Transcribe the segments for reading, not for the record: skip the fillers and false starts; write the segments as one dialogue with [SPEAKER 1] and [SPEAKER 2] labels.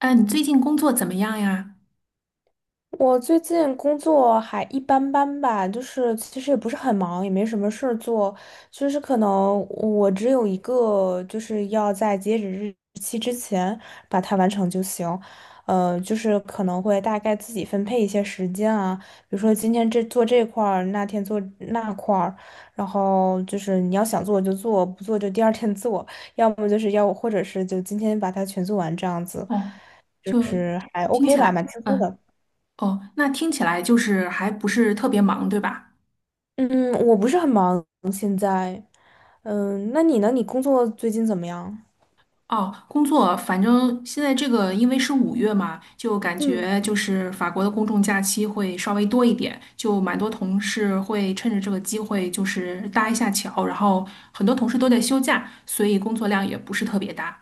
[SPEAKER 1] 哎，你最近工作怎么样呀？
[SPEAKER 2] 我最近工作还一般般吧，就是其实也不是很忙，也没什么事儿做，就是可能我只有一个，就是要在截止日期之前把它完成就行。就是可能会大概自己分配一些时间啊，比如说今天这做这块儿，那天做那块儿，然后就是你要想做就做，不做就第二天做，要么就是要或者是就今天把它全做完这样子，
[SPEAKER 1] 哦，
[SPEAKER 2] 就
[SPEAKER 1] 就
[SPEAKER 2] 是还
[SPEAKER 1] 听
[SPEAKER 2] OK
[SPEAKER 1] 起
[SPEAKER 2] 吧，蛮
[SPEAKER 1] 来，
[SPEAKER 2] 轻松的。
[SPEAKER 1] 哦，那听起来就是还不是特别忙，对吧？
[SPEAKER 2] 嗯，我不是很忙，现在。嗯，那你呢？你工作最近怎么样？
[SPEAKER 1] 哦，工作，反正现在这个因为是五月嘛，就感
[SPEAKER 2] 嗯，
[SPEAKER 1] 觉就是法国的公众假期会稍微多一点，就蛮多同事会趁着这个机会就是搭一下桥，然后很多同事都在休假，所以工作量也不是特别大。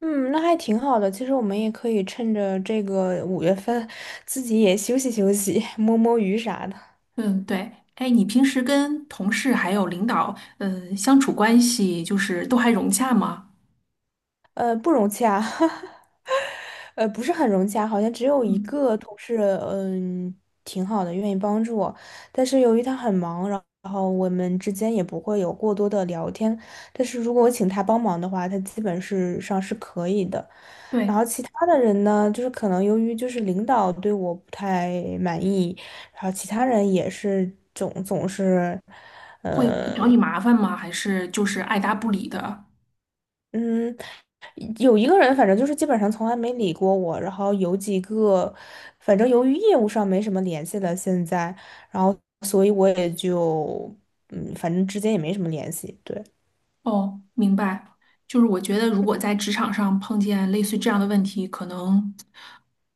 [SPEAKER 2] 嗯，那还挺好的。其实我们也可以趁着这个五月份，自己也休息休息，摸摸鱼啥的。
[SPEAKER 1] 嗯，对。哎，你平时跟同事还有领导，相处关系就是都还融洽吗？
[SPEAKER 2] 不容易啊。不是很融洽，好像只有一
[SPEAKER 1] 嗯，
[SPEAKER 2] 个同事，嗯，挺好的，愿意帮助我。但是由于他很忙，然后我们之间也不会有过多的聊天。但是如果我请他帮忙的话，他基本是上是可以的。然
[SPEAKER 1] 对，
[SPEAKER 2] 后其他的人呢，就是可能由于就是领导对我不太满意，然后其他人也是总是。
[SPEAKER 1] 会找你麻烦吗？还是就是爱答不理的？
[SPEAKER 2] 嗯。有一个人，反正就是基本上从来没理过我，然后有几个，反正由于业务上没什么联系了，现在，然后所以我也就，嗯，反正之间也没什么联系，对。
[SPEAKER 1] 哦，明白。就是我觉得，如果在职场上碰见类似这样的问题，可能，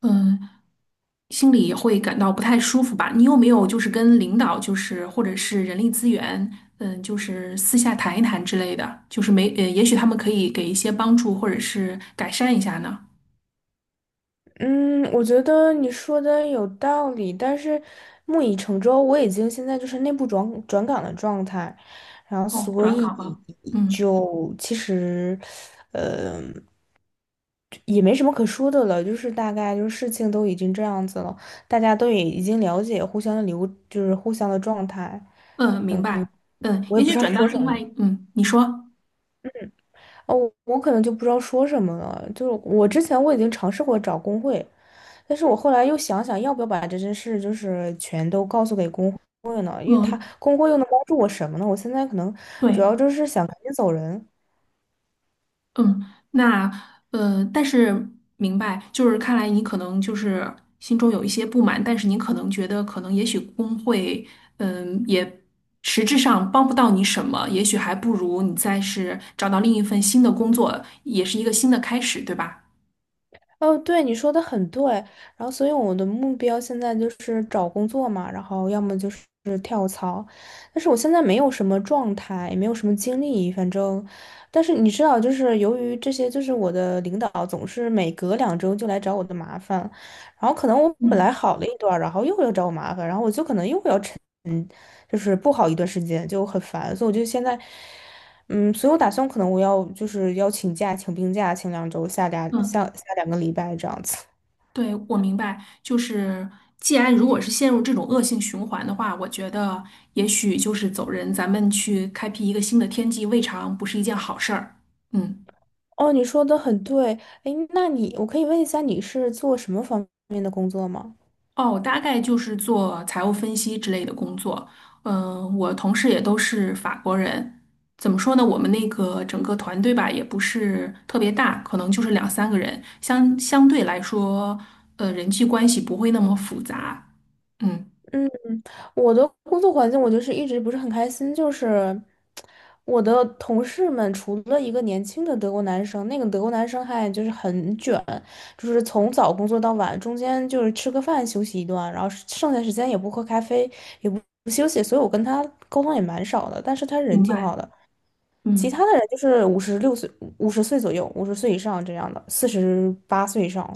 [SPEAKER 1] 嗯，心里也会感到不太舒服吧。你有没有就是跟领导，就是或者是人力资源，就是私下谈一谈之类的？就是没，也许他们可以给一些帮助，或者是改善一下呢？
[SPEAKER 2] 嗯，我觉得你说的有道理，但是木已成舟，我已经现在就是内部转岗的状态，然后
[SPEAKER 1] 哦，
[SPEAKER 2] 所
[SPEAKER 1] 转
[SPEAKER 2] 以
[SPEAKER 1] 岗了。嗯。
[SPEAKER 2] 就其实，呃，也没什么可说的了，就是大概就是事情都已经这样子了，大家都也已经了解互相的流，就是互相的状态，
[SPEAKER 1] 嗯，明白。嗯，
[SPEAKER 2] 我
[SPEAKER 1] 也
[SPEAKER 2] 也不
[SPEAKER 1] 许
[SPEAKER 2] 知道
[SPEAKER 1] 转到
[SPEAKER 2] 说什
[SPEAKER 1] 另外，
[SPEAKER 2] 么
[SPEAKER 1] 嗯，你说。
[SPEAKER 2] 哦，我可能就不知道说什么了。就是我之前我已经尝试过找工会，但是我后来又想想要不要把这件事就是全都告诉给工会呢，因为他
[SPEAKER 1] 嗯，
[SPEAKER 2] 工会又能帮助我什么呢？我现在可能主
[SPEAKER 1] 对，
[SPEAKER 2] 要就是想赶紧走人。
[SPEAKER 1] 嗯，那但是明白，就是看来你可能就是心中有一些不满，但是你可能觉得，可能也许工会，也实质上帮不到你什么，也许还不如你再是找到另一份新的工作，也是一个新的开始，对吧？
[SPEAKER 2] 哦，对，你说的很对。然后，所以我的目标现在就是找工作嘛，然后要么就是跳槽。但是我现在没有什么状态，也没有什么精力，反正。但是你知道，就是由于这些，就是我的领导总是每隔两周就来找我的麻烦，然后可能我本来
[SPEAKER 1] 嗯。
[SPEAKER 2] 好了一段儿然后又要找我麻烦，然后我就可能又要沉，就是不好一段时间，就很烦。所以我就现在。嗯，所以我打算可能我要就是要请假，请病假，请两周，下两下
[SPEAKER 1] 嗯，
[SPEAKER 2] 下两个礼拜这样子。
[SPEAKER 1] 对，我明白，就是既然如果是陷入这种恶性循环的话，我觉得也许就是走人，咱们去开辟一个新的天际，未尝不是一件好事儿。嗯。
[SPEAKER 2] 哦，你说的很对，哎，那你我可以问一下你是做什么方面的工作吗？
[SPEAKER 1] 哦，大概就是做财务分析之类的工作。嗯、我同事也都是法国人。怎么说呢？我们那个整个团队吧，也不是特别大，可能就是两三个人，相对来说，人际关系不会那么复杂。嗯，
[SPEAKER 2] 嗯，我的工作环境，我就是一直不是很开心，就是我的同事们，除了一个年轻的德国男生，那个德国男生还就是很卷，就是从早工作到晚，中间就是吃个饭休息一段，然后剩下时间也不喝咖啡，也不休息，所以我跟他沟通也蛮少的，但是他人
[SPEAKER 1] 明
[SPEAKER 2] 挺好
[SPEAKER 1] 白。
[SPEAKER 2] 的。其
[SPEAKER 1] 嗯，
[SPEAKER 2] 他的人就是56岁、五十岁左右、五十岁以上这样的，48岁以上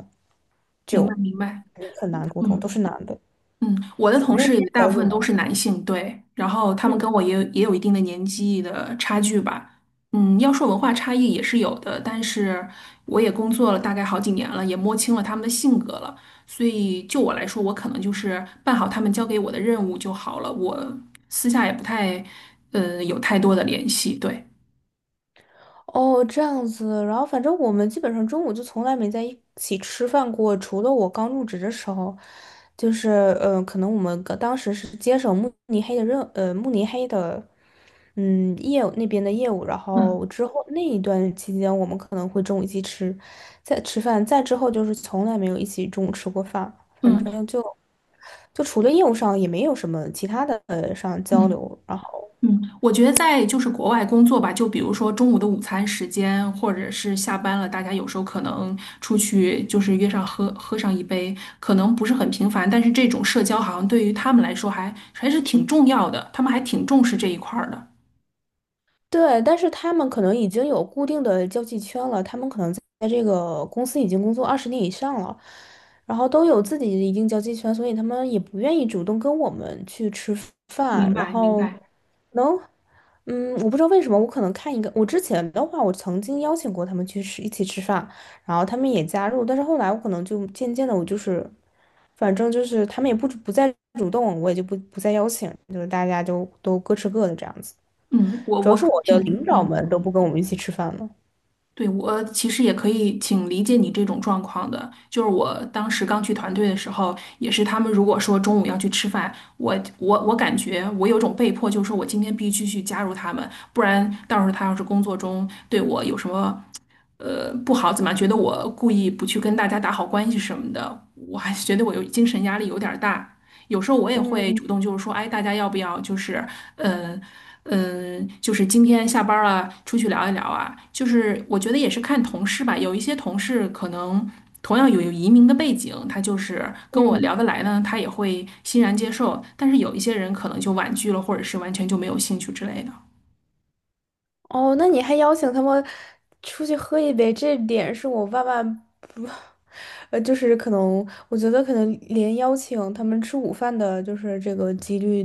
[SPEAKER 1] 明
[SPEAKER 2] 就
[SPEAKER 1] 白，明白。
[SPEAKER 2] 很难沟通，都是
[SPEAKER 1] 嗯。
[SPEAKER 2] 男的。
[SPEAKER 1] 嗯，我的
[SPEAKER 2] 你
[SPEAKER 1] 同
[SPEAKER 2] 们那
[SPEAKER 1] 事也
[SPEAKER 2] 边
[SPEAKER 1] 大
[SPEAKER 2] 小
[SPEAKER 1] 部分
[SPEAKER 2] 组呢？
[SPEAKER 1] 都是男性，对，然后他们跟我也有一定的年纪的差距吧。嗯，要说文化差异也是有的，但是我也工作了大概好几年了，也摸清了他们的性格了，所以就我来说，我可能就是办好他们交给我的任务就好了，我私下也不太，有太多的联系，对。
[SPEAKER 2] 哦，这样子，然后反正我们基本上中午就从来没在一起吃饭过，除了我刚入职的时候，就是可能我们刚当时是接手慕尼黑的任呃慕尼黑的嗯业务那边的业务，然
[SPEAKER 1] 嗯
[SPEAKER 2] 后之后那一段期间我们可能会中午一起吃，在吃饭，再之后就是从来没有一起中午吃过饭，反
[SPEAKER 1] 嗯。
[SPEAKER 2] 正就除了业务上也没有什么其他的上交
[SPEAKER 1] 嗯。
[SPEAKER 2] 流，然后。
[SPEAKER 1] 嗯，我觉得在就是国外工作吧，就比如说中午的午餐时间，或者是下班了，大家有时候可能出去就是约上喝上一杯，可能不是很频繁，但是这种社交好像对于他们来说还是挺重要的，他们还挺重视这一块儿的。
[SPEAKER 2] 对，但是他们可能已经有固定的交际圈了，他们可能在这个公司已经工作20年以上了，然后都有自己的一定交际圈，所以他们也不愿意主动跟我们去吃
[SPEAKER 1] 明
[SPEAKER 2] 饭，然
[SPEAKER 1] 白，明
[SPEAKER 2] 后
[SPEAKER 1] 白。
[SPEAKER 2] 能，嗯，我不知道为什么，我可能看一个，我之前的话，我曾经邀请过他们去吃一起吃饭，然后他们也加入，但是后来我可能就渐渐的，我就是，反正就是他们也不再主动，我也就不再邀请，就是大家就都各吃各的这样子。
[SPEAKER 1] 嗯，我
[SPEAKER 2] 主要是
[SPEAKER 1] 我
[SPEAKER 2] 我的领
[SPEAKER 1] 挺
[SPEAKER 2] 导
[SPEAKER 1] 嗯。
[SPEAKER 2] 们都不跟我们一起吃饭了。
[SPEAKER 1] 对，我其实也可以挺理解你这种状况的，就是我当时刚去团队的时候，也是他们如果说中午要去吃饭，我感觉我有种被迫，就是说我今天必须去加入他们，不然到时候他要是工作中对我有什么不好，怎么觉得我故意不去跟大家打好关系什么的，我还是觉得我有精神压力有点儿大。有时候我也会
[SPEAKER 2] 嗯
[SPEAKER 1] 主动就是说，哎，大家要不要就是，嗯。嗯，就是今天下班儿了，出去聊一聊啊。就是我觉得也是看同事吧，有一些同事可能同样有移民的背景，他就是跟我
[SPEAKER 2] 嗯，
[SPEAKER 1] 聊得来呢，他也会欣然接受。但是有一些人可能就婉拒了，或者是完全就没有兴趣之类的。
[SPEAKER 2] 哦，那你还邀请他们出去喝一杯，这点是我万万不，就是可能我觉得可能连邀请他们吃午饭的，就是这个几率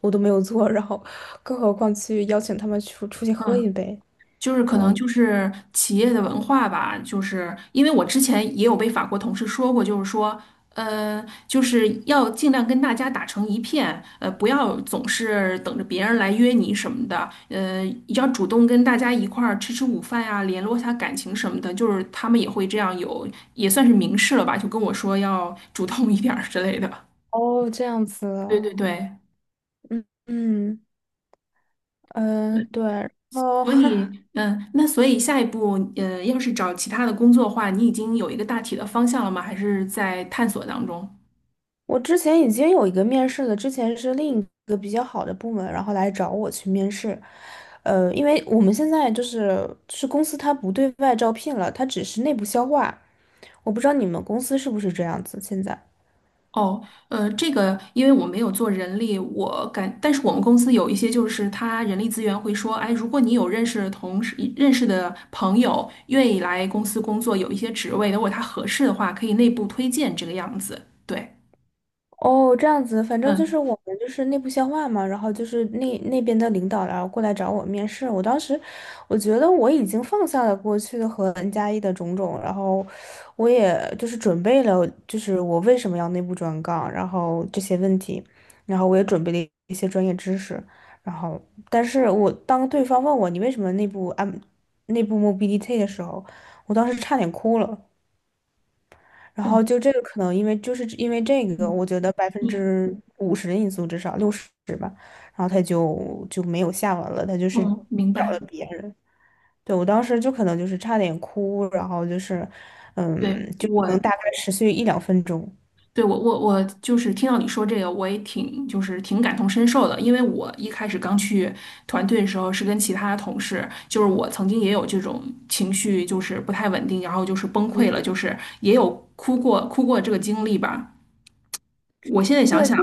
[SPEAKER 2] 我都没有做，然后更何况去邀请他们出去喝一
[SPEAKER 1] 嗯。
[SPEAKER 2] 杯，
[SPEAKER 1] 就是可
[SPEAKER 2] 我
[SPEAKER 1] 能就是企业的文化吧，就是因为我之前也有被法国同事说过，就是说，就是要尽量跟大家打成一片，不要总是等着别人来约你什么的，要主动跟大家一块儿吃午饭呀、联络一下感情什么的，就是他们也会这样有，也算是明示了吧，就跟我说要主动一点儿之类的。
[SPEAKER 2] 哦这样子
[SPEAKER 1] 对对
[SPEAKER 2] 啊，
[SPEAKER 1] 对。
[SPEAKER 2] 嗯嗯对，然后
[SPEAKER 1] 所以，嗯，那所以下一步，要是找其他的工作的话，你已经有一个大体的方向了吗？还是在探索当中？
[SPEAKER 2] 我之前已经有一个面试了，之前是另一个比较好的部门，然后来找我去面试。因为我们现在就是公司它不对外招聘了，它只是内部消化。我不知道你们公司是不是这样子现在。
[SPEAKER 1] 哦，这个因为我没有做人力，我感，但是我们公司有一些就是他人力资源会说，哎，如果你有认识的同事、认识的朋友愿意来公司工作，有一些职位，如果他合适的话，可以内部推荐这个样子。对，
[SPEAKER 2] 哦，这样子，反正就
[SPEAKER 1] 嗯，
[SPEAKER 2] 是我们就是内部消化嘛，然后就是那边的领导然后过来找我面试，我当时我觉得我已经放下了过去和 N+1的种种，然后我也就是准备了，就是我为什么要内部转岗，然后这些问题，然后我也准备了一些专业知识，然后但是我当对方问我你为什么内部内部 mobility 的时候，我当时差点哭了。然
[SPEAKER 1] 哦，
[SPEAKER 2] 后就这个可能因为就是因为这个，
[SPEAKER 1] 嗯，
[SPEAKER 2] 我觉得百分
[SPEAKER 1] 对，
[SPEAKER 2] 之五十的因素至少60吧，然后他就没有下文了，他就是
[SPEAKER 1] 嗯，明
[SPEAKER 2] 找了
[SPEAKER 1] 白。
[SPEAKER 2] 别人。对，我当时就可能就是差点哭，然后就是，
[SPEAKER 1] 对，
[SPEAKER 2] 嗯，就
[SPEAKER 1] 我，
[SPEAKER 2] 能大概持续一两分钟。
[SPEAKER 1] 对，我就是听到你说这个，我也挺就是挺感同身受的，因为我一开始刚去团队的时候是跟其他同事，就是我曾经也有这种情绪，就是不太稳定，然后就是崩溃了，
[SPEAKER 2] 嗯，
[SPEAKER 1] 就是也有哭过这个经历吧。我现在想
[SPEAKER 2] 对，
[SPEAKER 1] 想，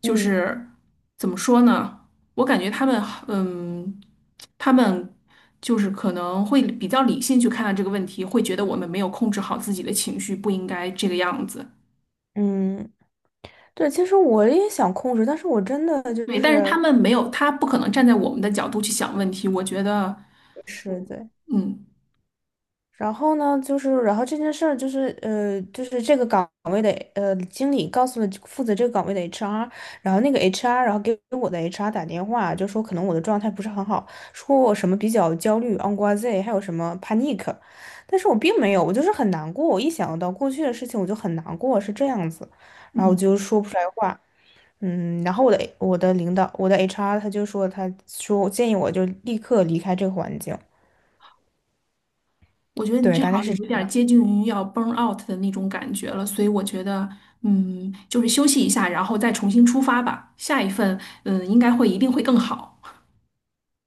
[SPEAKER 1] 就
[SPEAKER 2] 嗯
[SPEAKER 1] 是怎么说呢？我感觉他们，嗯，他们就是可能会比较理性去看待这个问题，会觉得我们没有控制好自己的情绪，不应该这个样子。
[SPEAKER 2] 嗯，对，其实我也想控制，但是我真的就
[SPEAKER 1] 对，但是他
[SPEAKER 2] 是
[SPEAKER 1] 们没有，他不可能站在我们的角度去想问题。我觉得，
[SPEAKER 2] 是，对，
[SPEAKER 1] 嗯。
[SPEAKER 2] 然后呢，就是，然后这件事儿就是，就是这个岗位的，经理告诉了负责这个岗位的 HR，然后那个 HR，然后给我的 HR 打电话，就说可能我的状态不是很好，说我什么比较焦虑、anxiety 还有什么 panic，但是我并没有，我就是很难过，我一想到过去的事情我就很难过，是这样子，然后我
[SPEAKER 1] 嗯，
[SPEAKER 2] 就说不出来话，嗯，然后我的领导，我的 HR 他就说，他说建议我就立刻离开这个环境，
[SPEAKER 1] 我觉得你
[SPEAKER 2] 对，
[SPEAKER 1] 这好
[SPEAKER 2] 大概
[SPEAKER 1] 像有
[SPEAKER 2] 是。
[SPEAKER 1] 一点儿接近于要 burn out 的那种感觉了，所以我觉得，嗯，就是休息一下，然后再重新出发吧。下一份，嗯，应该会一定会更好。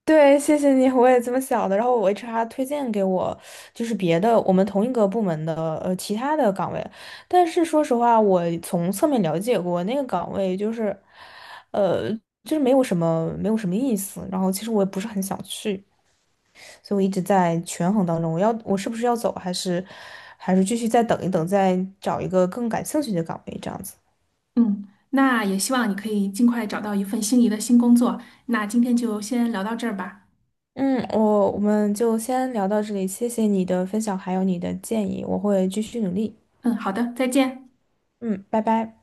[SPEAKER 2] 对，谢谢你，我也这么想的。然后我 HR 推荐给我，就是别的我们同一个部门的其他的岗位，但是说实话，我从侧面了解过那个岗位，就是，呃，就是没有什么意思。然后其实我也不是很想去，所以我一直在权衡当中，我是不是要走，还是继续再等一等，再找一个更感兴趣的岗位这样子。
[SPEAKER 1] 嗯，那也希望你可以尽快找到一份心仪的新工作。那今天就先聊到这儿吧。
[SPEAKER 2] 嗯，我们就先聊到这里，谢谢你的分享，还有你的建议，我会继续努力。
[SPEAKER 1] 嗯，好的，再见。
[SPEAKER 2] 嗯，拜拜。